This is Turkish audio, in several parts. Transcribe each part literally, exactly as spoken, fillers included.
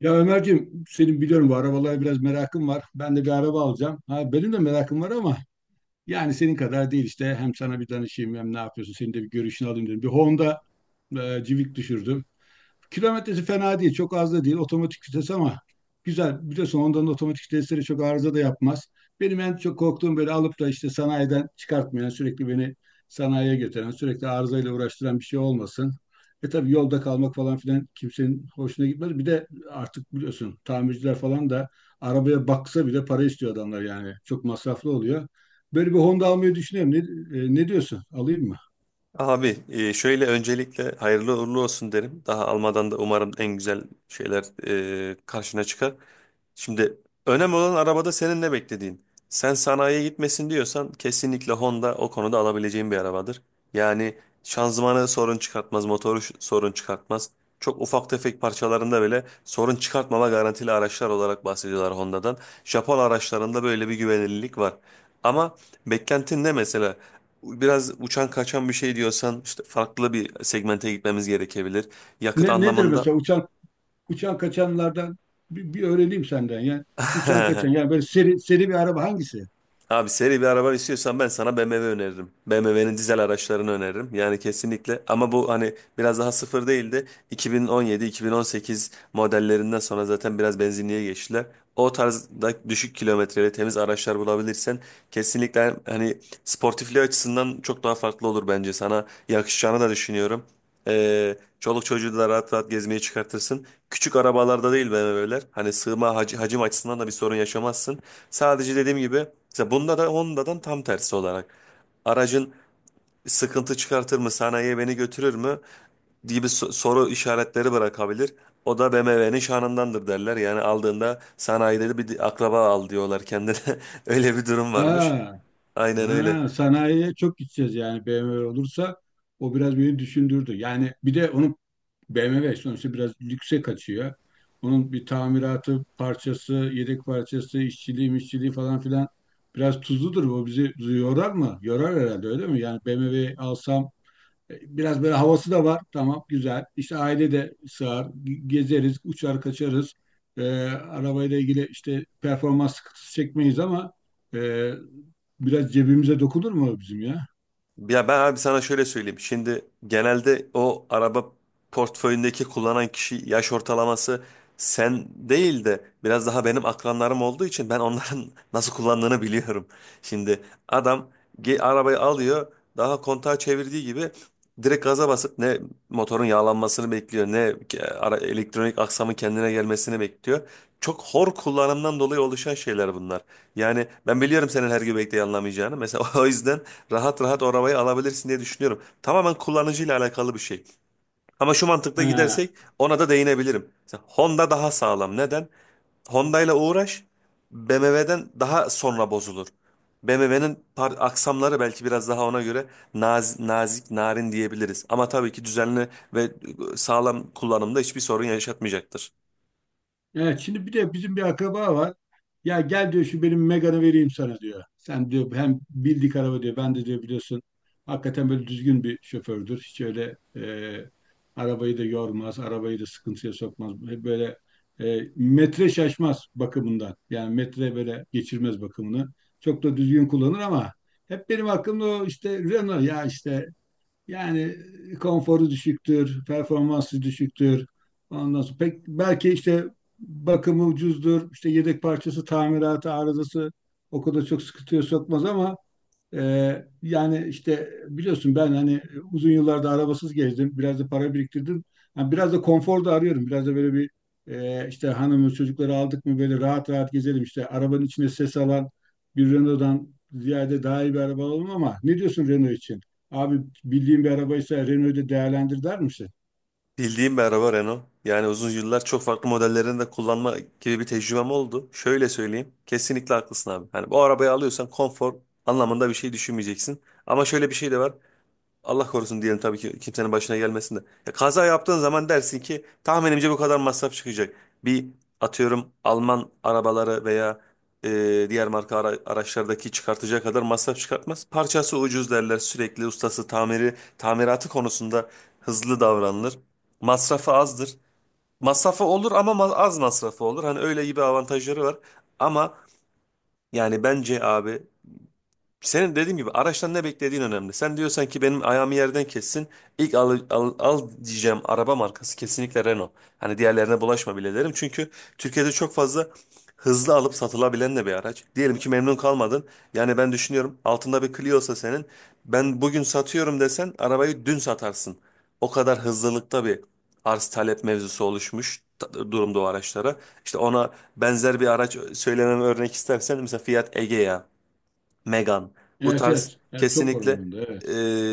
Ya Ömerciğim senin biliyorum bu arabalara biraz merakın var. Ben de bir araba alacağım. Ha, benim de merakım var ama yani senin kadar değil işte. Hem sana bir danışayım hem ne yapıyorsun senin de bir görüşünü alayım dedim. Bir Honda e, Civic düşürdüm. Kilometresi fena değil. Çok az da değil. Otomatik vites ama güzel. Biliyorsun ondan otomatik vitesleri çok arıza da yapmaz. Benim en çok korktuğum böyle alıp da işte sanayiden çıkartmayan, sürekli beni sanayiye götüren, sürekli arızayla uğraştıran bir şey olmasın. E tabii yolda kalmak falan filan kimsenin hoşuna gitmez. Bir de artık biliyorsun tamirciler falan da arabaya baksa bile para istiyor adamlar yani. Çok masraflı oluyor. Böyle bir Honda almayı düşünüyorum. Ne, e, ne diyorsun? Alayım mı? Abi e, şöyle öncelikle hayırlı uğurlu olsun derim. Daha almadan da umarım en güzel şeyler e, karşına çıkar. Şimdi önemli olan arabada senin ne beklediğin. Sen sanayiye gitmesin diyorsan kesinlikle Honda o konuda alabileceğin bir arabadır. Yani şanzımanı sorun çıkartmaz, motoru ş- sorun çıkartmaz. Çok ufak tefek parçalarında bile sorun çıkartmama garantili araçlar olarak bahsediyorlar Honda'dan. Japon araçlarında böyle bir güvenilirlik var. Ama beklentin ne mesela? Biraz uçan kaçan bir şey diyorsan işte farklı bir segmente gitmemiz gerekebilir. Yakıt Ne, nedir anlamında mesela uçan uçan kaçanlardan bir, bir öğreneyim senden. Yani uçan kaçan yani böyle seri, seri bir araba hangisi? Abi seri bir araba istiyorsan ben sana B M W öneririm. B M W'nin dizel araçlarını öneririm. Yani kesinlikle ama bu hani biraz daha sıfır değildi. iki bin on yedi-iki bin on sekiz modellerinden sonra zaten biraz benzinliğe geçtiler. O tarzda düşük kilometreli temiz araçlar bulabilirsen kesinlikle hani sportifliği açısından çok daha farklı olur bence. Sana yakışacağını da düşünüyorum. Ee, çoluk çocuğu da rahat rahat gezmeye çıkartırsın. Küçük arabalarda değil be bebeler. Hani sığma hac- hacim açısından da bir sorun yaşamazsın. Sadece dediğim gibi mesela bunda da Honda'dan tam tersi olarak. Aracın sıkıntı çıkartır mı? Sanayiye beni götürür mü? Gibi so- soru işaretleri bırakabilir. O da B M W'nin şanındandır derler. Yani aldığında sanayide de bir akraba al diyorlar kendine. Öyle bir durum varmış. Ha, Aynen öyle. ha, Sanayiye çok gideceğiz yani B M W olursa o biraz beni düşündürdü. Yani bir de onun, B M W sonuçta biraz lükse kaçıyor. Onun bir tamiratı parçası, yedek parçası, işçiliği, işçiliği falan filan biraz tuzludur. Bu bizi yorar mı? Yorar herhalde, öyle mi? Yani B M W alsam biraz böyle havası da var. Tamam, güzel. İşte aile de sığar. Ge- Gezeriz, uçar kaçarız. Ee, arabayla ilgili işte performans sıkıntısı çekmeyiz ama e, biraz cebimize dokunur mu bizim ya? Ya ben abi sana şöyle söyleyeyim. Şimdi genelde o araba portföyündeki kullanan kişi yaş ortalaması sen değil de biraz daha benim akranlarım olduğu için ben onların nasıl kullandığını biliyorum. Şimdi adam ge- arabayı alıyor daha kontağı çevirdiği gibi direkt gaza basıp ne motorun yağlanmasını bekliyor ne ke- ara- elektronik aksamın kendine gelmesini bekliyor. Çok hor kullanımdan dolayı oluşan şeyler bunlar. Yani ben biliyorum senin her göbekte yanlamayacağını. Mesela o yüzden rahat rahat o arabayı alabilirsin diye düşünüyorum. Tamamen kullanıcıyla alakalı bir şey. Ama şu mantıkla He. gidersek ona da değinebilirim. Mesela Honda daha sağlam. Neden? Honda ile uğraş B M W'den daha sonra bozulur. B M W'nin par- aksamları belki biraz daha ona göre naz- nazik, narin diyebiliriz. Ama tabii ki düzenli ve e, sağlam kullanımda hiçbir sorun yaşatmayacaktır. Evet, şimdi bir de bizim bir akraba var. Ya gel diyor, şu benim Megane'ı vereyim sana diyor. Sen diyor hem bildik araba diyor. Ben de diyor biliyorsun hakikaten böyle düzgün bir şofördür. Hiç öyle e, arabayı da yormaz, arabayı da sıkıntıya sokmaz. Hep böyle e, metre şaşmaz bakımından. Yani metre böyle geçirmez bakımını. Çok da düzgün kullanır ama hep benim aklımda o işte Renault ya işte, yani konforu düşüktür, performansı düşüktür. Ondan sonra pek belki işte bakımı ucuzdur, işte yedek parçası, tamiratı, arızası o kadar çok sıkıntıya sokmaz ama ee, yani işte biliyorsun ben hani uzun yıllarda arabasız gezdim. Biraz da para biriktirdim. Yani biraz da konfor da arıyorum. Biraz da böyle bir, e, işte hanımı çocukları aldık mı böyle rahat rahat gezelim. İşte arabanın içine ses alan bir Renault'dan ziyade daha iyi bir araba alalım ama ne diyorsun Renault için? Abi, bildiğin bir arabaysa Renault'u da değerlendir der misin? Bildiğim bir araba Renault. Yani uzun yıllar çok farklı modellerini de kullanma gibi bir tecrübem oldu. Şöyle söyleyeyim. Kesinlikle haklısın abi. Hani bu arabayı alıyorsan konfor anlamında bir şey düşünmeyeceksin. Ama şöyle bir şey de var. Allah korusun diyelim tabii ki kimsenin başına gelmesin de. Ya kaza yaptığın zaman dersin ki tahminimce bu kadar masraf çıkacak. Bir atıyorum Alman arabaları veya e, diğer marka ara- araçlardaki çıkartacağı kadar masraf çıkartmaz. Parçası ucuz derler sürekli ustası tamiri tamiratı konusunda hızlı davranılır. Masrafı azdır. Masrafı olur ama ma- az masrafı olur. Hani öyle gibi avantajları var. Ama yani bence abi senin dediğim gibi araçtan ne beklediğin önemli. Sen diyorsan ki benim ayağımı yerden kessin. İlk al, al, al diyeceğim araba markası kesinlikle Renault. Hani diğerlerine bulaşma bile derim. Çünkü Türkiye'de çok fazla hızlı alıp satılabilen de bir araç. Diyelim ki memnun kalmadın. Yani ben düşünüyorum altında bir Clio'sa senin. Ben bugün satıyorum desen arabayı dün satarsın. O kadar hızlılıkta bir arz talep mevzusu oluşmuş ta- durumda o araçlara. İşte ona benzer bir araç söylemem örnek istersen mesela Fiat Egea. Megane. Bu Evet, tarz evet. Evet, çok kesinlikle oranında evet.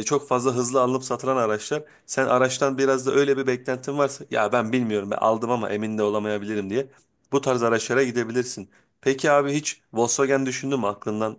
e, çok fazla hızlı alınıp satılan araçlar. Sen araçtan biraz da öyle bir beklentin varsa ya ben bilmiyorum ben aldım ama emin de olamayabilirim diye bu tarz araçlara gidebilirsin. Peki abi hiç Volkswagen düşündün mü aklından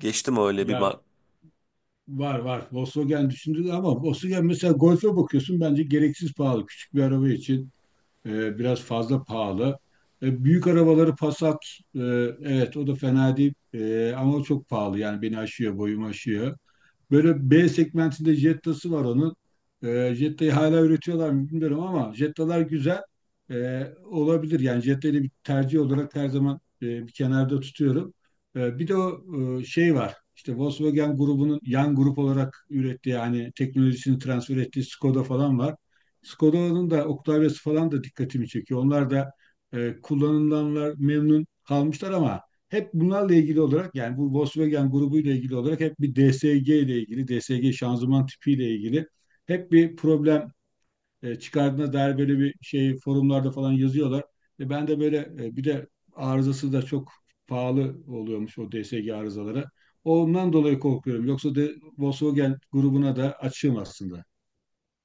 geçti mi öyle bir. Ya var var. Volkswagen düşündü ama Volkswagen mesela Golf'e bakıyorsun bence gereksiz pahalı küçük bir araba için. E, biraz fazla pahalı. E, büyük arabaları Passat, e, evet o da fena değil. E, ama çok pahalı. Yani beni aşıyor, boyumu aşıyor. Böyle B segmentinde Jetta'sı var onun. E, Jetta'yı hala üretiyorlar mı bilmiyorum ama Jetta'lar güzel. E, olabilir. Yani Jetta'yı bir tercih olarak her zaman e, bir kenarda tutuyorum. E, bir de o e, şey var. İşte Volkswagen grubunun yan grup olarak ürettiği hani teknolojisini transfer ettiği Skoda falan var. Skoda'nın da Octavia'sı falan da dikkatimi çekiyor. Onlar da e, kullanılanlar memnun kalmışlar ama hep bunlarla ilgili olarak yani bu Volkswagen grubuyla ilgili olarak hep bir D S G ile ilgili, D S G şanzıman tipiyle ilgili hep bir problem e, çıkardığına dair böyle bir şey forumlarda falan yazıyorlar. E, ben de böyle, e, bir de arızası da çok pahalı oluyormuş o D S G arızaları. Ondan dolayı korkuyorum. Yoksa de Volkswagen grubuna da açığım aslında.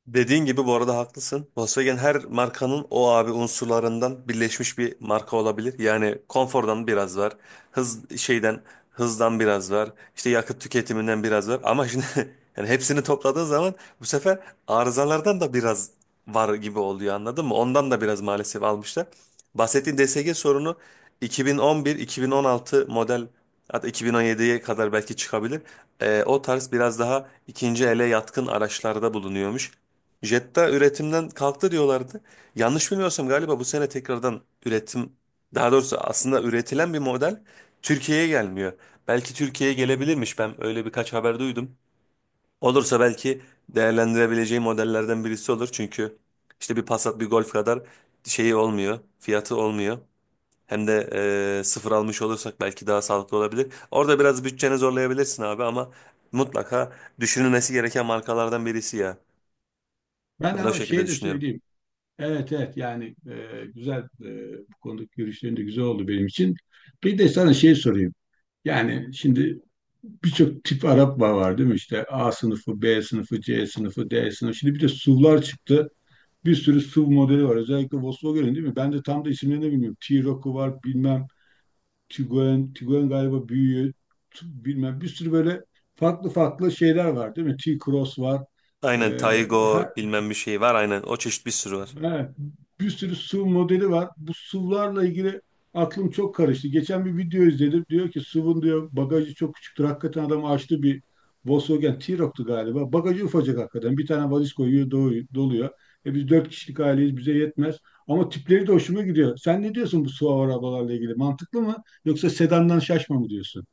Dediğin gibi bu arada haklısın. Volkswagen her markanın o abi unsurlarından birleşmiş bir marka olabilir. Yani konfordan biraz var. Hız şeyden hızdan biraz var. İşte yakıt tüketiminden biraz var. Ama şimdi yani hepsini topladığın zaman bu sefer arızalardan da biraz var gibi oluyor anladın mı? Ondan da biraz maalesef almışlar. Bahsettiğin D S G sorunu iki bin on bir-iki bin on altı model, hatta iki bin on yediye kadar belki çıkabilir. Ee, o tarz biraz daha ikinci ele yatkın araçlarda bulunuyormuş. Jetta üretimden kalktı diyorlardı. Yanlış bilmiyorsam galiba bu sene tekrardan üretim, daha doğrusu aslında üretilen bir model Türkiye'ye gelmiyor. Belki Türkiye'ye gelebilirmiş. Ben öyle birkaç haber duydum. Olursa belki değerlendirebileceği modellerden birisi olur. Çünkü işte bir Passat, bir Golf kadar şeyi olmuyor, fiyatı olmuyor. Hem de e, sıfır almış olursak belki daha sağlıklı olabilir. Orada biraz bütçeni zorlayabilirsin abi ama mutlaka düşünülmesi gereken markalardan birisi ya. Ben Ben o ama şekilde şey de düşünüyorum. söyleyeyim. Evet, evet, yani e, güzel, e, bu konudaki görüşlerin de güzel oldu benim için. Bir de sana şey sorayım. Yani şimdi birçok tip Arap var değil mi? İşte A sınıfı, B sınıfı, C sınıfı, D sınıfı. Şimdi bir de S U V'lar çıktı. Bir sürü S U V modeli var. Özellikle Volkswagen'in değil mi? Ben de tam da isimlerini bilmiyorum. T-Roc'u var bilmem. Tiguan, Tiguan galiba büyüğü. t- Bilmem bir sürü böyle farklı farklı şeyler var değil mi? T-Cross var. Aynen Ee, her, Taygo bilmem bir şey var, aynen o çeşit bir sürü var. Evet, bir sürü S U V modeli var. Bu S U V'larla ilgili aklım çok karıştı. Geçen bir video izledim. Diyor ki S U V'un diyor bagajı çok küçüktür. Hakikaten adam açtı bir, Volkswagen T-Roc'tu galiba. Bagajı ufacık hakikaten. Bir tane valiz koyuyor, dolu- doluyor. E biz dört kişilik aileyiz, bize yetmez. Ama tipleri de hoşuma gidiyor. Sen ne diyorsun bu S U V arabalarla ilgili? Mantıklı mı? Yoksa sedandan şaşma mı diyorsun?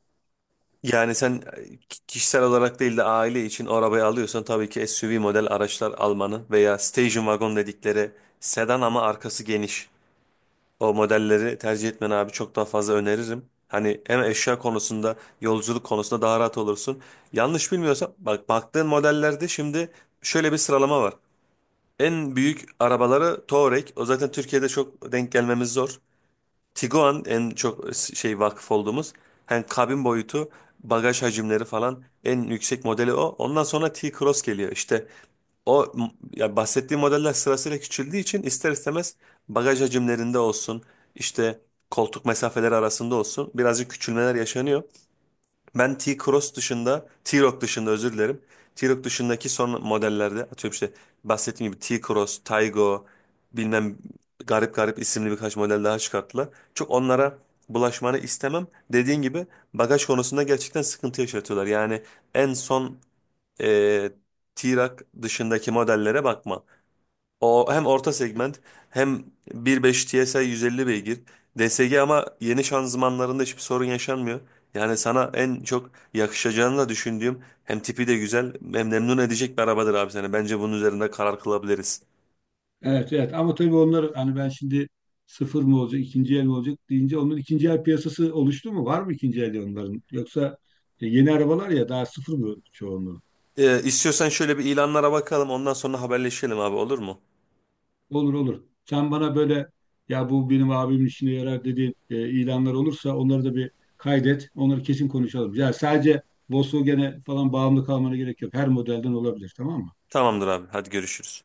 Yani sen e, ki- kişisel olarak değil de aile için o arabayı alıyorsan tabii ki SUV model araçlar almanı veya station wagon dedikleri sedan ama arkası geniş o modelleri tercih etmeni abi çok daha fazla öneririm. Hani hem eşya konusunda yolculuk konusunda daha rahat olursun. Yanlış bilmiyorsam bak baktığın modellerde şimdi şöyle bir sıralama var. En büyük arabaları Touareg. O zaten Türkiye'de çok denk gelmemiz zor. Tiguan en çok şey vakıf olduğumuz. Hani kabin boyutu, bagaj hacimleri falan en yüksek modeli o. Ondan sonra T-Cross geliyor. İşte o m- ya bahsettiğim modeller sırasıyla küçüldüğü için ister istemez bagaj hacimlerinde olsun, işte koltuk mesafeleri arasında olsun birazcık küçülmeler yaşanıyor. Ben T-Cross dışında, T-Roc dışında özür dilerim. T-Roc dışındaki son modellerde atıyorum işte bahsettiğim gibi T-Cross, Taygo, bilmem, garip garip isimli birkaç model daha çıkarttılar. Çok onlara bulaşmanı istemem. Dediğin gibi bagaj konusunda gerçekten sıkıntı yaşatıyorlar. Yani en son e, T-Roc dışındaki modellere bakma. O hem orta segment, hem bir nokta beş T S I yüz elli beygir. D S G ama yeni şanzımanlarında hiçbir sorun yaşanmıyor. Yani sana en çok yakışacağını da düşündüğüm, hem tipi de güzel, hem memnun edecek bir arabadır abi seni. Bence bunun üzerinde karar kılabiliriz. Evet, evet ama tabii onlar hani ben şimdi sıfır mı olacak ikinci el mi olacak deyince onun ikinci el piyasası oluştu mu? Var mı ikinci el onların? Yoksa e, yeni arabalar ya daha sıfır mı çoğunluğu? Ee, istiyorsan şöyle bir ilanlara bakalım ondan sonra haberleşelim abi, olur mu? Olur olur. Sen bana böyle ya bu benim abimin işine yarar dediğin e, ilanlar olursa onları da bir kaydet. Onları kesin konuşalım. Ya sadece Volkswagen'e falan bağımlı kalmana gerek yok. Her modelden olabilir tamam mı? Tamamdır abi, hadi görüşürüz.